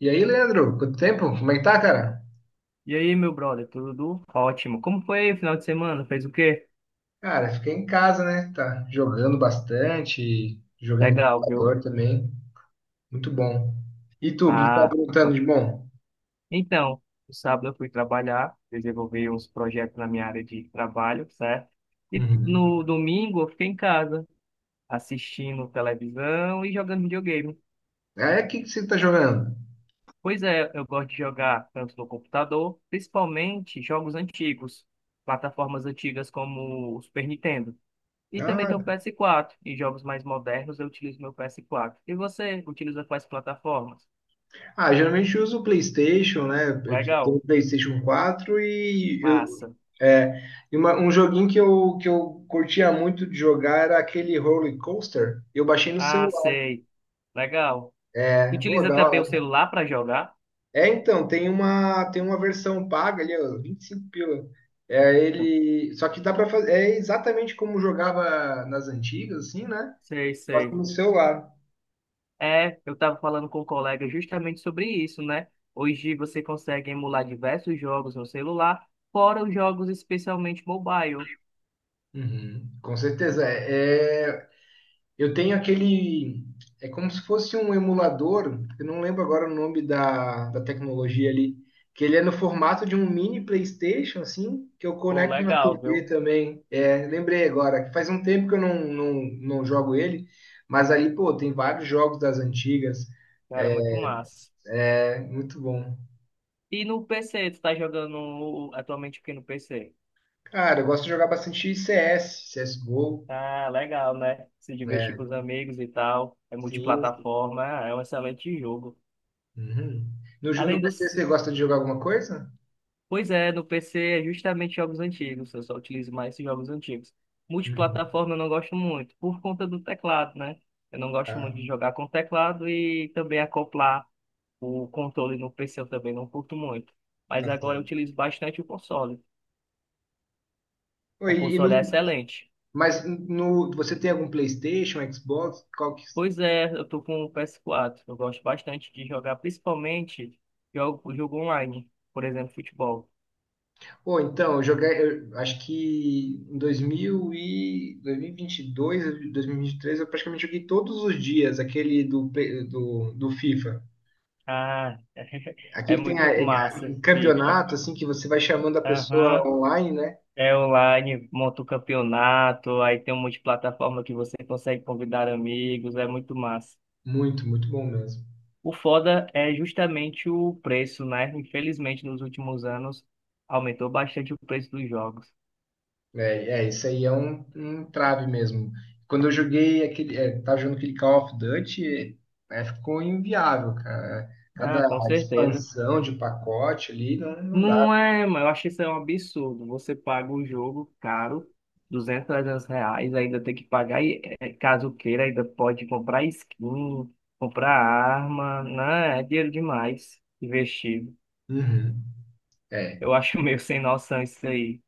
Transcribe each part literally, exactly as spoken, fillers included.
E aí, Leandro, quanto tempo? Como é que tá, cara? E aí, meu brother, tudo ótimo? Como foi o final de semana? Fez o quê? Cara, fiquei em casa, né? Tá jogando bastante, jogando no Legal, viu? computador também. Muito bom. E tu, o que tá Ah, perguntando tô- de bom? então, no sábado eu fui trabalhar, desenvolvi uns projetos na minha área de trabalho, certo? E Uhum. no domingo eu fiquei em casa, assistindo televisão e jogando videogame. É, o que que você tá jogando? Pois é, eu gosto de jogar tanto no computador, principalmente jogos antigos, plataformas antigas como o Super Nintendo. E também tem o Ah, P S quatro. Em jogos mais modernos eu utilizo meu P S quatro. E você utiliza quais plataformas? ah, geralmente eu uso o PlayStation, né? Eu tenho o Legal. PlayStation quatro e eu, Massa. é, e uma- um joguinho que eu, que eu curtia muito de jogar era aquele Roller Coaster. Eu baixei no Ah, celular, sei. Legal. né? Ô, Utiliza da também o hora. celular para jogar? É, então, tem uma, tem uma versão paga ali, ó, vinte e cinco pila. É ele, só que dá para fazer, é exatamente como jogava nas antigas, assim, né? Sei, Só que sei. no celular. É, eu estava falando com um colega justamente sobre isso, né? Hoje você consegue emular diversos jogos no celular, fora os jogos especialmente mobile. Uhum, com certeza. É, é Eu tenho aquele. É como se fosse um emulador, eu não lembro agora o nome da, da tecnologia ali, que ele é no formato de um mini PlayStation, assim, que eu Pô, conecto na legal, T V viu? também. É, lembrei agora, que faz um tempo que eu não, não, não jogo ele, mas ali, pô, tem vários jogos das antigas, Cara, é muito massa. é muito bom. E no P C, tu tá jogando atualmente o que no P C? Cara, eu gosto de jogar bastante C S, C S G O, Ah, legal, né? Se divertir com né? os amigos e tal. É Sim. multiplataforma, ah, é um excelente jogo. Uhum. No, ju- no Além P C dos. você gosta de jogar alguma coisa? Pois é, no P C é justamente jogos antigos, eu só utilizo mais esses jogos antigos. Uhum. Multiplataforma eu não gosto muito, por conta do teclado, né? Eu não gosto Tá, muito de jogar com teclado e também acoplar o controle no P C eu também não curto muito. Mas tá agora eu certo. utilizo bastante o console. Pô, O E console é no, excelente. mas no, você tem algum PlayStation, Xbox? Qual que... Pois é, eu tô com o P S quatro. Eu gosto bastante de jogar, principalmente jogo, jogo online, por exemplo, futebol. Pô, então, eu joguei, eu acho que em dois mil e vinte e vinte e dois, vinte e vinte e três, eu praticamente joguei todos os dias aquele do, play- do, do FIFA. Ah, é Aqui tem a- muito a- massa, um FIFA. campeonato, assim, que você vai chamando a pessoa Aham. online, né? É online, monta o campeonato, aí tem um monte de plataforma que você consegue convidar amigos, é muito massa. Muito, muito bom mesmo. O foda é justamente o preço, né? Infelizmente, nos últimos anos, aumentou bastante o preço dos jogos. É, é, isso aí é um, um trave mesmo. Quando eu joguei aquele, é, tava jogando aquele Call of Duty, é, ficou inviável, cara. Ah, Cada com certeza. expansão de pacote ali não, não dá. Não é, mas eu acho isso é um absurdo. Você paga o jogo caro, duzentos trezentos reais, ainda tem que pagar, e eh, caso queira, ainda pode comprar skin, comprar arma, né? É dinheiro demais investido. Uhum. É, Eu acho meio sem noção isso aí.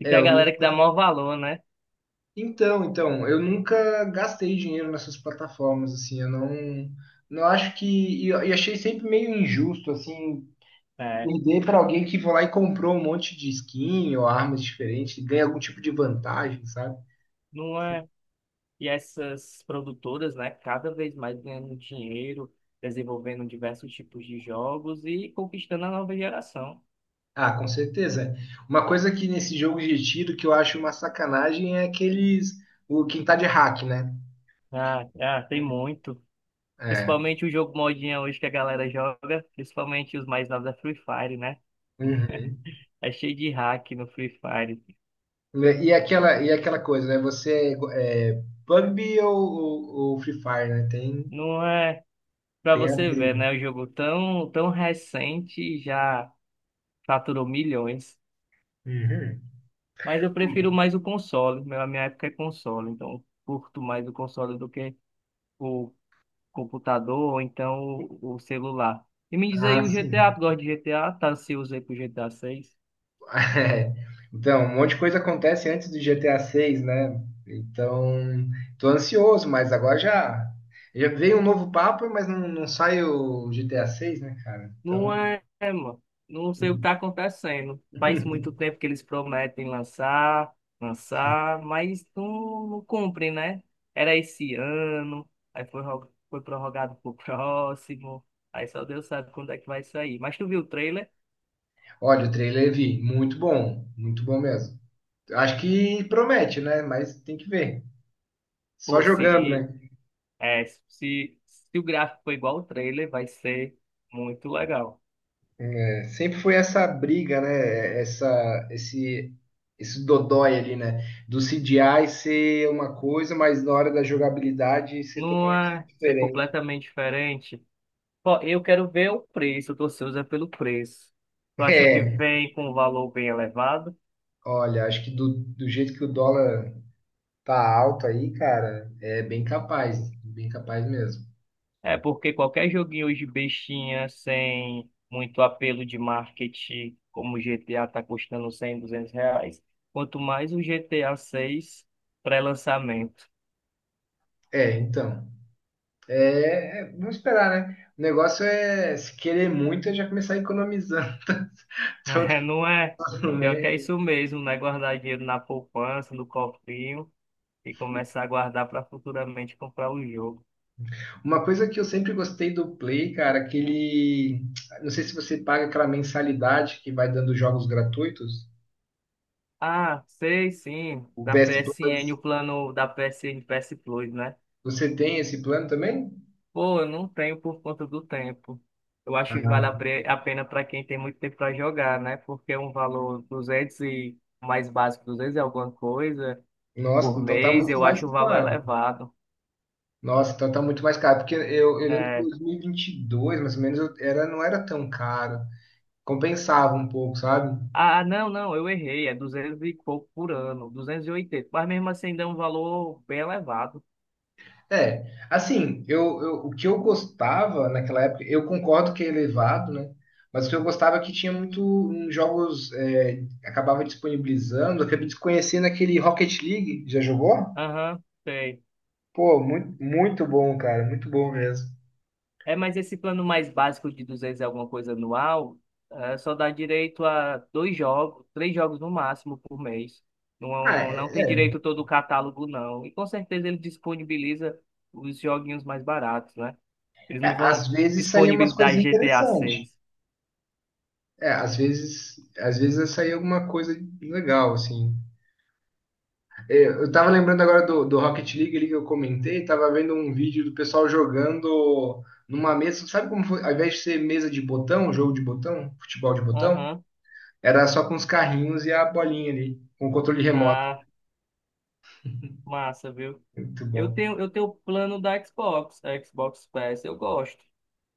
E é, tem a eu galera que dá nunca... maior valor, né? Então, então, eu nunca gastei dinheiro nessas plataformas, assim, eu não, não acho que... E, eu- e achei sempre meio injusto, assim, É, perder para alguém que foi lá e comprou um monte de skin ou armas diferentes, ganha algum tipo de vantagem, sabe? não é? E essas produtoras, né, cada vez mais ganhando dinheiro, desenvolvendo diversos tipos de jogos e conquistando a nova geração. Ah, com certeza. Uma coisa que nesse jogo de tiro que eu acho uma sacanagem é aqueles. O quem tá de hack, né? Ah, ah, tem muito. É. Principalmente o jogo modinha hoje que a galera joga, principalmente os mais novos é Free Fire, né? Uhum. É cheio de hack no Free Fire. E aquela, e aquela coisa, né? Você é, é P U B G ou, ou, ou Free Fire, né? Tem, Não é pra tem a você ver, briga. né? O jogo tão, tão recente já faturou milhões. Uhum. Mas eu prefiro mais o console. Meu- A minha época é console, então eu curto mais o console do que o computador ou então o, o celular. E me diz aí Ah, o G T A, sim. tu gosta de GTA? Tá ansioso aí pro G T A seis? É. Então, um monte de coisa acontece antes do G T A seis, né? Então, tô ansioso, mas agora já, já veio um novo papo, mas não, não sai o G T A seis, né, cara? Não Então. é, mano. Não sei o que tá acontecendo. Faz muito tempo que eles prometem lançar, lançar, mas não, não cumprem, né? Era esse ano, aí foi, ro- foi prorrogado pro próximo. Aí só Deus sabe quando é que vai sair. Mas tu viu o trailer? Olha, o trailer vi, muito bom, muito bom mesmo. Acho que promete, né? Mas tem que ver. Só Pô, jogando, né? se, é, se, se o gráfico for igual ao trailer, vai ser muito legal. É, sempre foi essa briga, né? Essa, esse, esse dodói ali, né? Do C G I ser uma coisa, mas na hora da jogabilidade ser Não totalmente é ser diferente. completamente diferente. Ó, eu quero ver o preço, tô ansioso é pelo preço. Tu acha que É, vem com um valor bem elevado? olha, acho que do, do jeito que o dólar tá alto aí, cara, é bem capaz, bem capaz mesmo. É porque qualquer joguinho hoje bestinha, sem muito apelo de marketing, como o G T A tá custando cem, duzentos reais, quanto mais o G T A seis pré-lançamento, É, então. É, é, vamos esperar, né? O negócio é, se querer muito, é já começar economizando todo não é? ano, Pior né? que é isso mesmo, né? Guardar dinheiro na poupança, no cofrinho e começar a guardar para futuramente comprar o jogo. Uma coisa que eu sempre gostei do Play, cara, que ele. Não sei se você paga aquela mensalidade que vai dando jogos gratuitos. Ah, sei sim, O da P S P S N, Plus, o plano da P S N P S Plus, né? você tem esse plano também? Pô, eu não tenho por conta do tempo. Eu acho que vale a Ah, pre- a pena para quem tem muito tempo para jogar, né? Porque é um valor duzentos e o mais básico, duzentos e alguma coisa nossa, por então tá mês, muito eu mais acho o valor caro. elevado. Nossa, então tá muito mais caro. Porque eu, eu lembro que em É. dois mil e vinte e dois, mais ou menos, eu- era, não era tão caro. Compensava um pouco, sabe? Ah, ah, não, não, eu errei, é duzentos e pouco por ano, duzentos e oitenta, mas mesmo assim ainda é um valor bem elevado. É, assim, eu, eu- o que eu gostava naquela época, eu concordo que é elevado, né? Mas o que eu gostava é que tinha muito um, jogos, é, acabava disponibilizando, eu acabei desconhecendo aquele Rocket League, já jogou? Aham, sei. Pô, muito, muito bom, cara, muito bom mesmo. É, mas esse plano mais básico de duzentos e alguma coisa anual, eh, só dá direito a dois jogos, três jogos no máximo por mês. Ah, Não, não tem é- direito todo o catálogo, não. E com certeza ele disponibiliza os joguinhos mais baratos, né? Eles é, não vão às vezes saía umas disponibilizar coisas G T A interessantes. seis. É, às vezes, às vezes saía alguma coisa legal, assim. Eu tava lembrando agora do, do Rocket League ali que eu comentei, tava vendo um vídeo do pessoal jogando numa mesa, sabe como foi? Ao invés de ser mesa de botão, jogo de botão, futebol de botão, Aham. era só com os carrinhos e a bolinha ali, com o controle remoto. Ah, massa, viu? Muito Eu bom. tenho, eu tenho o plano da Xbox, Xbox Pass, eu gosto.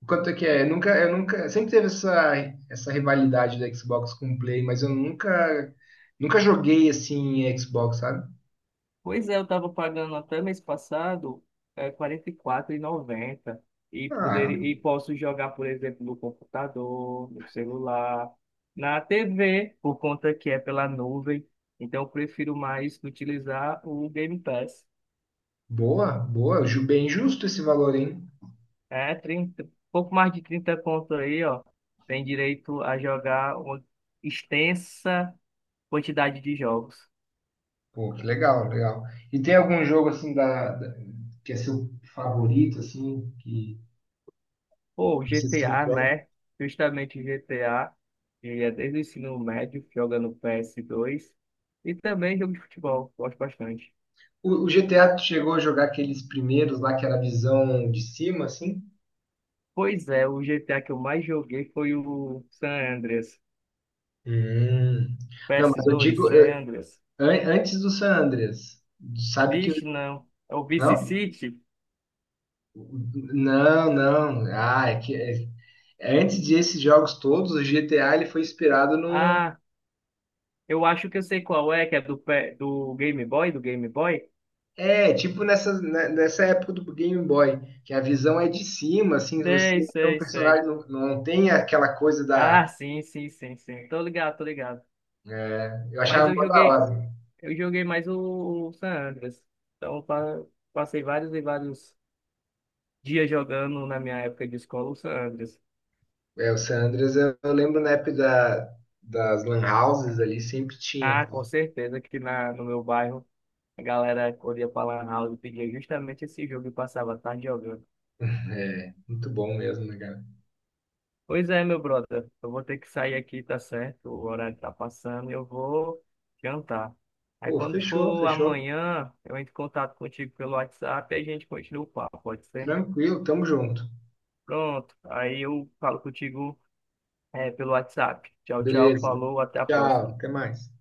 Quanto é que é? Eu nunca, eu nunca, sempre teve essa, essa rivalidade da Xbox com o Play, mas eu nunca, nunca joguei assim em Xbox, sabe? Pois é, eu estava pagando até mês passado é, quarenta e quatro e noventa e poder Ah, e posso jogar, por exemplo, no computador, no celular, na T V, por conta que é pela nuvem. Então, eu prefiro mais utilizar o Game Pass. boa, boa, ju- bem justo esse valor, hein? É, trinta pouco mais de trinta conto aí, ó. Tem direito a jogar uma extensa quantidade de jogos. Pô, que legal, legal. E tem algum jogo assim da, da- que é seu favorito, assim, que Pô, você sempre G T A, joga? né? Justamente G T A, que é desde o ensino médio, joga no P S dois e também jogo de futebol, gosto bastante. O, o G T A tu chegou a jogar aqueles primeiros lá que era a visão de cima, assim? Pois é, o G T A que eu mais joguei foi o San Andreas, Hum. Não, mas eu P S dois, digo San eu- Andreas. an- antes do San Andreas. Sabe que. Vixe, não, é o Vice Não? City? Não, não. Ah, é que é- antes desses jogos todos, o G T A ele foi inspirado num, Ah, eu acho que eu sei qual é, que é do, pé- do Game Boy, do Game Boy? é, tipo nessa, né, nessa época do Game Boy, que a visão é de cima, assim, Sei, você é um sei, personagem, sei. não, não tem aquela coisa da, Ah, sim, sim, sim, sim, tô ligado, tô ligado. né, eu achava Mas eu mó da joguei, hora. Eu joguei mais o, o San Andreas. Então, pa- passei vários e vários dias jogando na minha época de escola o San Andreas. É, o San Andreas, eu, eu lembro na época da, das Lan Houses ali, sempre tinha, Ah, com cara. certeza que na, no meu bairro a galera corria pra Lan House e pedia justamente esse jogo e passava a tarde jogando. É, muito bom mesmo, né, cara? Pois é, meu brother, eu vou ter que sair aqui, tá certo? O horário tá passando e eu vou jantar. Aí Pô, quando fechou, for fechou. amanhã, eu entro em contato contigo pelo WhatsApp e a gente continua o papo, pode ser? Tranquilo, tamo junto. Pronto, aí eu falo contigo é, pelo WhatsApp. Tchau, tchau, Beleza. falou, até a Tchau, próxima. até mais.